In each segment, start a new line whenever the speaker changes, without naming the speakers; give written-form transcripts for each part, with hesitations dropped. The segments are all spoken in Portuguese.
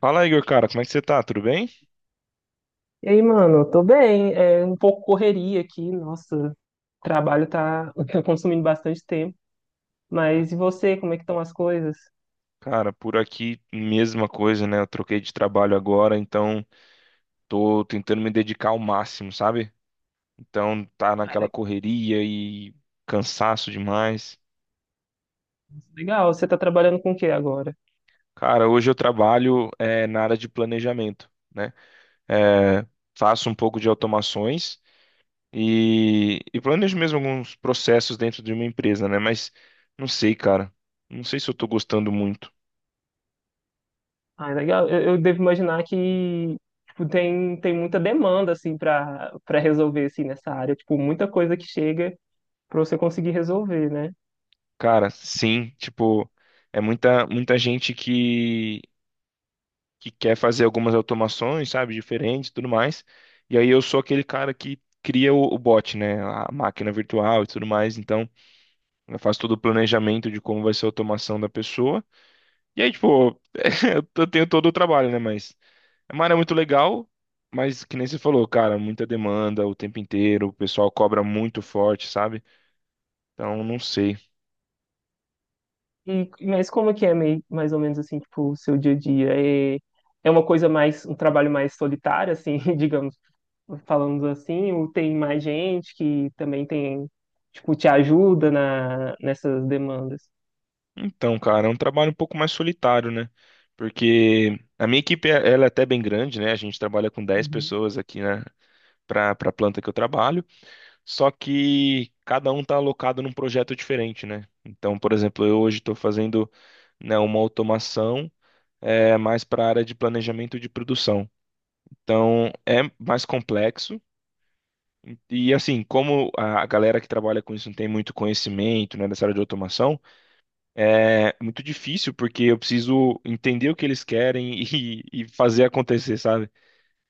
Fala, Igor, cara, como é que você tá? Tudo bem?
E aí, mano, eu tô bem. É um pouco correria aqui, nossa, o trabalho tá, tá consumindo bastante tempo. Mas e você, como é que estão as coisas?
Cara, por aqui, mesma coisa, né? Eu troquei de trabalho agora, então tô tentando me dedicar ao máximo, sabe? Então tá
Ah,
naquela
le-
correria e cansaço demais.
legal, você tá trabalhando com o que agora?
Cara, hoje eu trabalho na área de planejamento, né? É, Faço um pouco de automações e planejo mesmo alguns processos dentro de uma empresa, né? Mas não sei, cara. Não sei se eu tô gostando muito.
Ah, legal, eu devo imaginar que tipo, tem muita demanda, assim, pra resolver, assim, nessa área. Tipo, muita coisa que chega pra você conseguir resolver, né?
Cara, sim, tipo, é muita gente que quer fazer algumas automações, sabe, diferentes e tudo mais. E aí eu sou aquele cara que cria o bot, né, a máquina virtual e tudo mais. Então, eu faço todo o planejamento de como vai ser a automação da pessoa. E aí, tipo, eu tenho todo o trabalho, né, mas é uma área muito legal, mas que nem você falou, cara, muita demanda o tempo inteiro, o pessoal cobra muito forte, sabe? Então, não sei.
E, mas como é que é meio, mais ou menos, assim, tipo, o seu dia a dia? É, é uma coisa mais, um trabalho mais solitário, assim, digamos falando assim, ou tem mais gente que também tem, tipo, te ajuda nessas demandas.
Então, cara, é um trabalho um pouco mais solitário, né? Porque a minha equipe, ela é até bem grande, né? A gente trabalha com dez
Uhum.
pessoas aqui, né? Para a planta que eu trabalho. Só que cada um está alocado num projeto diferente, né? Então, por exemplo, eu hoje estou fazendo, né, uma automação mais para a área de planejamento de produção. Então, é mais complexo. E assim, como a galera que trabalha com isso não tem muito conhecimento, né, dessa área de automação, é muito difícil porque eu preciso entender o que eles querem e fazer acontecer, sabe?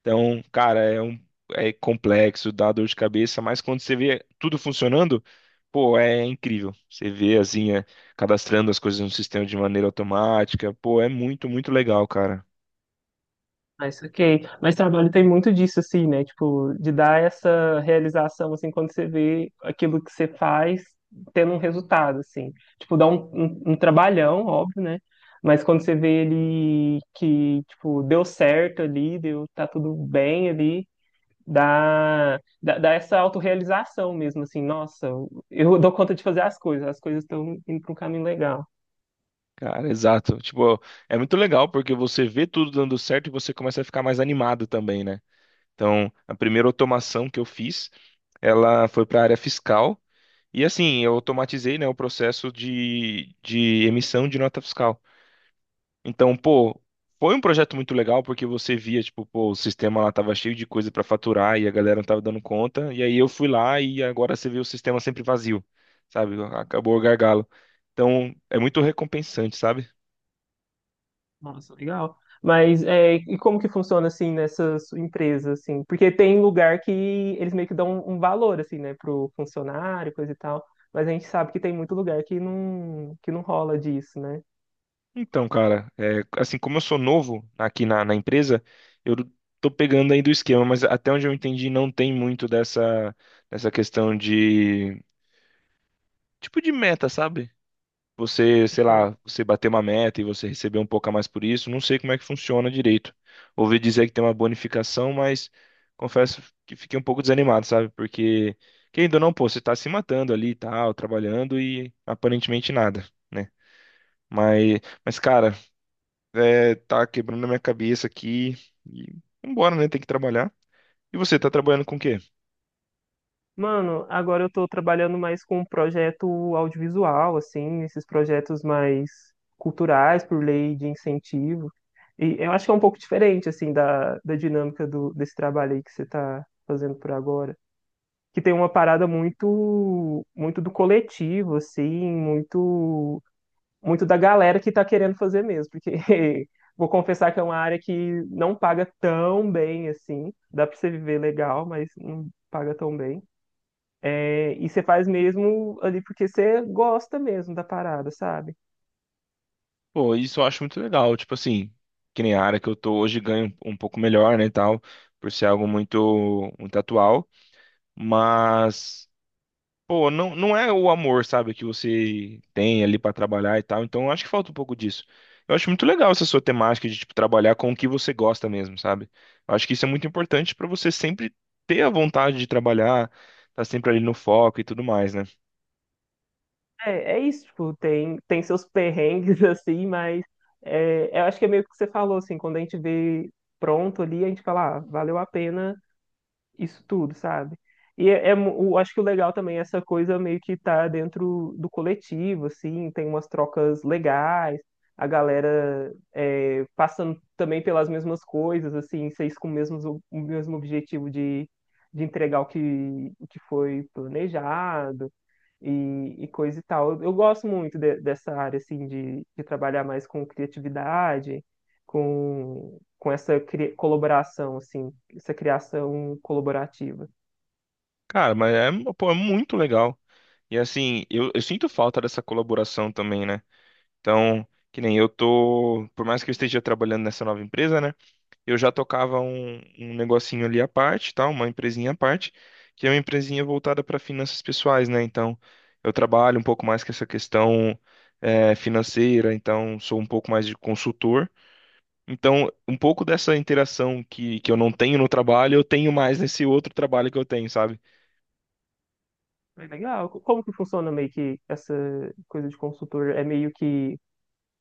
Então, cara, é complexo, dá dor de cabeça, mas quando você vê tudo funcionando, pô, é incrível. Você vê assim, cadastrando as coisas no sistema de maneira automática, pô, é muito, muito legal, cara.
Mas ok. Mas trabalho tem muito disso, assim, né? Tipo, de dar essa realização, assim, quando você vê aquilo que você faz tendo um resultado, assim. Tipo, dá um trabalhão, óbvio, né? Mas quando você vê ele que, tipo, deu certo ali, deu, tá tudo bem ali, dá essa autorrealização mesmo, assim, nossa, eu dou conta de fazer as coisas estão indo para um caminho legal.
Cara, exato. Tipo, é muito legal porque você vê tudo dando certo e você começa a ficar mais animado também, né? Então, a primeira automação que eu fiz, ela foi para a área fiscal. E assim, eu automatizei, né, o processo de emissão de nota fiscal. Então, pô, foi um projeto muito legal porque você via, tipo, pô, o sistema lá tava cheio de coisa para faturar e a galera não tava dando conta. E aí eu fui lá e agora você vê o sistema sempre vazio, sabe? Acabou o gargalo. Então, é muito recompensante, sabe?
Nossa, legal. Mas é, e como que funciona assim nessa sua empresa, assim? Porque tem lugar que eles meio que dão um valor, assim, né, pro funcionário, coisa e tal. Mas a gente sabe que tem muito lugar que não rola disso, né?
Então, cara, é, assim, como eu sou novo aqui na empresa, eu tô pegando aí do esquema, mas até onde eu entendi, não tem muito dessa, dessa questão de tipo de meta, sabe? Você, sei
Isso.
lá, você bater uma meta e você receber um pouco a mais por isso. Não sei como é que funciona direito. Ouvi dizer que tem uma bonificação, mas confesso que fiquei um pouco desanimado, sabe? Porque, querendo ou não, pô, você tá se matando ali e tal, trabalhando e aparentemente nada, né? Mas, mas cara, tá quebrando a minha cabeça aqui e vambora, né? Tem que trabalhar. E você, tá trabalhando com o quê?
Mano, agora eu tô trabalhando mais com um projeto audiovisual, assim, esses projetos mais culturais por lei de incentivo. E eu acho que é um pouco diferente, assim, da, da dinâmica do, desse trabalho aí que você tá fazendo por agora. Que tem uma parada muito do coletivo, assim, muito, muito da galera que tá querendo fazer mesmo. Porque vou confessar que é uma área que não paga tão bem, assim. Dá pra você viver legal, mas não paga tão bem. É, e você faz mesmo ali porque você gosta mesmo da parada, sabe?
Pô, isso eu acho muito legal. Tipo assim, que nem a área que eu tô hoje ganho um pouco melhor, né, e tal, por ser algo muito, muito atual. Mas, pô, não é o amor, sabe, que você tem ali pra trabalhar e tal. Então, eu acho que falta um pouco disso. Eu acho muito legal essa sua temática de, tipo, trabalhar com o que você gosta mesmo, sabe? Eu acho que isso é muito importante pra você sempre ter a vontade de trabalhar, tá sempre ali no foco e tudo mais, né?
É, é isso, tipo, tem, tem seus perrengues assim, mas é, eu acho que é meio que você falou, assim, quando a gente vê pronto ali, a gente fala, ah, valeu a pena isso tudo, sabe? Eu acho que o legal também é essa coisa meio que tá dentro do coletivo, assim, tem umas trocas legais, a galera é, passando também pelas mesmas coisas, assim, vocês com o mesmo objetivo de entregar o que foi planejado e coisa e tal. Eu gosto muito dessa área, assim, de trabalhar mais com criatividade, com essa colaboração, assim, essa criação colaborativa.
Cara, mas é, pô, é muito legal. E assim, eu sinto falta dessa colaboração também, né? Então, que nem eu tô, por mais que eu esteja trabalhando nessa nova empresa, né? Eu já tocava um negocinho ali à parte, tá? Uma empresinha à parte, que é uma empresinha voltada para finanças pessoais, né? Então, eu trabalho um pouco mais com essa questão financeira, então sou um pouco mais de consultor. Então, um pouco dessa interação que eu não tenho no trabalho, eu tenho mais nesse outro trabalho que eu tenho, sabe?
É legal. Como que funciona meio que essa coisa de consultor? É meio que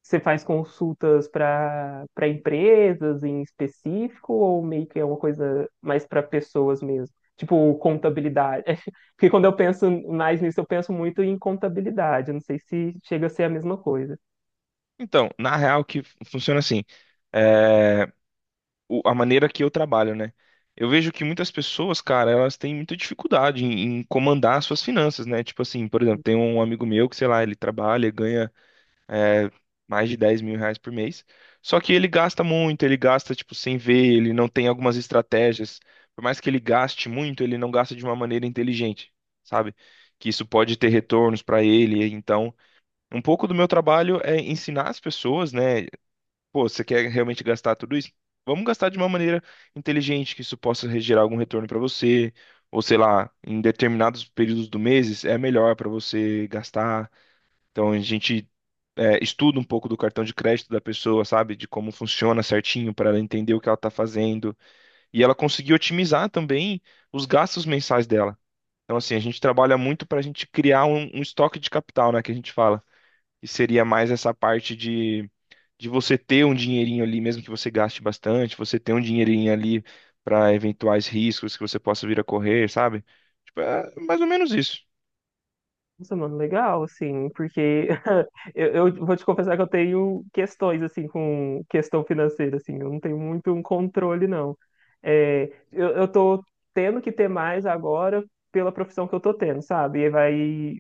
você faz consultas para empresas em específico ou meio que é uma coisa mais para pessoas mesmo? Tipo, contabilidade. Porque quando eu penso mais nisso, eu penso muito em contabilidade. Eu não sei se chega a ser a mesma coisa.
Então, na real, que funciona assim. eh, a maneira que eu trabalho, né? Eu vejo que muitas pessoas, cara, elas têm muita dificuldade em comandar as suas finanças, né? Tipo assim, por exemplo, tem um amigo meu que, sei lá, ele trabalha, ganha é, mais de R$ 10.000 por mês. Só que ele gasta muito, ele gasta, tipo, sem ver, ele não tem algumas estratégias. Por mais que ele gaste muito, ele não gasta de uma maneira inteligente, sabe? Que isso pode ter retornos para ele. Então, um pouco do meu trabalho é ensinar as pessoas, né? Pô, você quer realmente gastar tudo isso? Vamos gastar de uma maneira inteligente, que isso possa gerar algum retorno para você, ou sei lá, em determinados períodos do mês é melhor para você gastar. Então a gente estuda um pouco do cartão de crédito da pessoa, sabe, de como funciona certinho para ela entender o que ela está fazendo e ela conseguir otimizar também os gastos mensais dela. Então assim, a gente trabalha muito para a gente criar um estoque de capital, né, que a gente fala, e seria mais essa parte de você ter um dinheirinho ali, mesmo que você gaste bastante, você ter um dinheirinho ali para eventuais riscos que você possa vir a correr, sabe? Tipo, é mais ou menos isso.
Nossa, mano, legal, assim, porque eu vou te confessar que eu tenho questões, assim, com questão financeira, assim, eu não tenho muito um controle, não. É, eu tô tendo que ter mais agora pela profissão que eu tô tendo, sabe? E vai,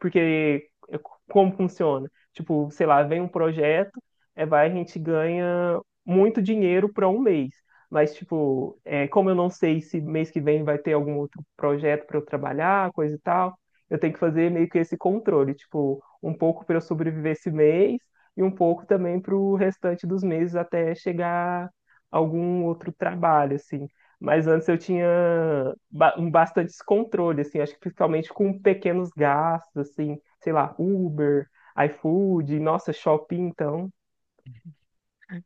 porque como funciona? Tipo, sei lá, vem um projeto, é, vai, a gente ganha muito dinheiro para um mês. Mas, tipo, é, como eu não sei se mês que vem vai ter algum outro projeto para eu trabalhar, coisa e tal, eu tenho que fazer meio que esse controle, tipo, um pouco para eu sobreviver esse mês e um pouco também para o restante dos meses até chegar algum outro trabalho, assim. Mas antes eu tinha um bastante descontrole, assim, acho que principalmente com pequenos gastos, assim, sei lá, Uber, iFood, nossa, shopping, então.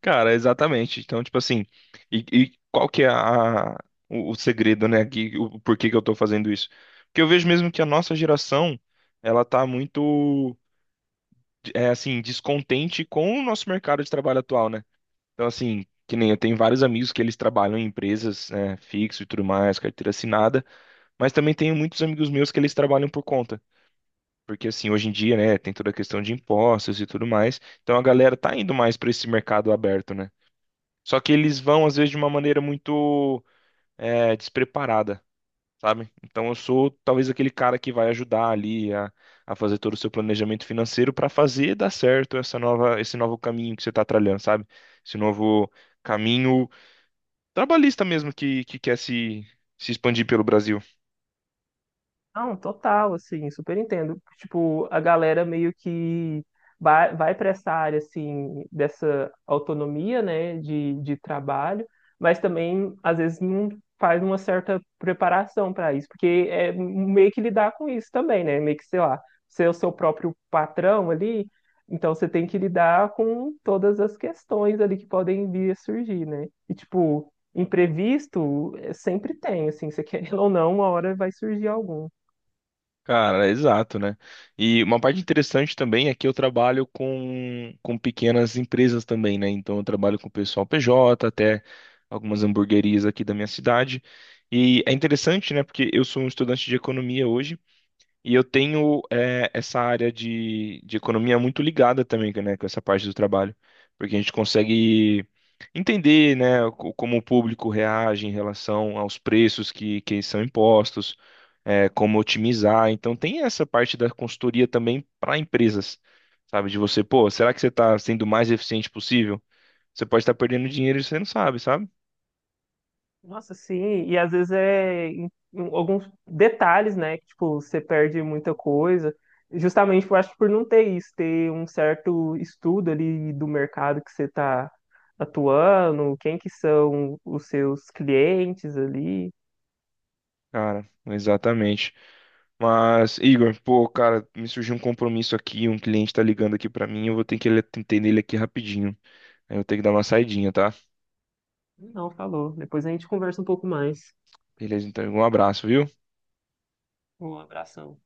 Cara, exatamente. Então, tipo assim, e qual que é o segredo, né, que o porquê que eu tô fazendo isso? Porque eu vejo mesmo que a nossa geração, ela tá muito, é assim, descontente com o nosso mercado de trabalho atual, né? Então, assim, que nem eu tenho vários amigos que eles trabalham em empresas, né, fixo e tudo mais, carteira assinada, mas também tenho muitos amigos meus que eles trabalham por conta. Porque, assim, hoje em dia, né, tem toda a questão de impostos e tudo mais. Então a galera tá indo mais para esse mercado aberto, né? Só que eles vão, às vezes, de uma maneira muito despreparada, sabe? Então eu sou talvez aquele cara que vai ajudar ali a fazer todo o seu planejamento financeiro para fazer dar certo essa nova, esse novo caminho que você tá trilhando, sabe? Esse novo caminho trabalhista mesmo que quer se expandir pelo Brasil.
Não, total, assim, super entendo. Tipo, a galera meio que vai para essa área, assim, dessa autonomia, né, de trabalho, mas também, às vezes, não faz uma certa preparação para isso, porque é meio que lidar com isso também, né, meio que, sei lá, ser o seu próprio patrão ali, então você tem que lidar com todas as questões ali que podem vir a surgir, né, e, tipo, imprevisto sempre tem, assim, você querendo ou não, uma hora vai surgir algum.
Cara, exato, né? E uma parte interessante também é que eu trabalho com pequenas empresas também, né? Então eu trabalho com o pessoal PJ, até algumas hamburguerias aqui da minha cidade. E é interessante, né? Porque eu sou um estudante de economia hoje e eu tenho essa área de economia muito ligada também, né? Com essa parte do trabalho. Porque a gente consegue entender, né? Como o público reage em relação aos preços que são impostos como otimizar. Então tem essa parte da consultoria também para empresas, sabe? De você, pô, será que você está sendo o mais eficiente possível? Você pode estar perdendo dinheiro e você não sabe, sabe?
Nossa, sim, e às vezes é em alguns detalhes, né? Que, tipo, você perde muita coisa. Justamente, eu acho que por não ter isso, ter um certo estudo ali do mercado que você está atuando, quem que são os seus clientes ali.
Cara, exatamente. Mas, Igor, pô, cara, me surgiu um compromisso aqui, um cliente tá ligando aqui pra mim, eu vou ter que atender ele aqui rapidinho. Aí eu vou ter que dar uma saidinha, tá?
Não, falou. Depois a gente conversa um pouco mais.
Beleza, então, um abraço, viu?
Um abração.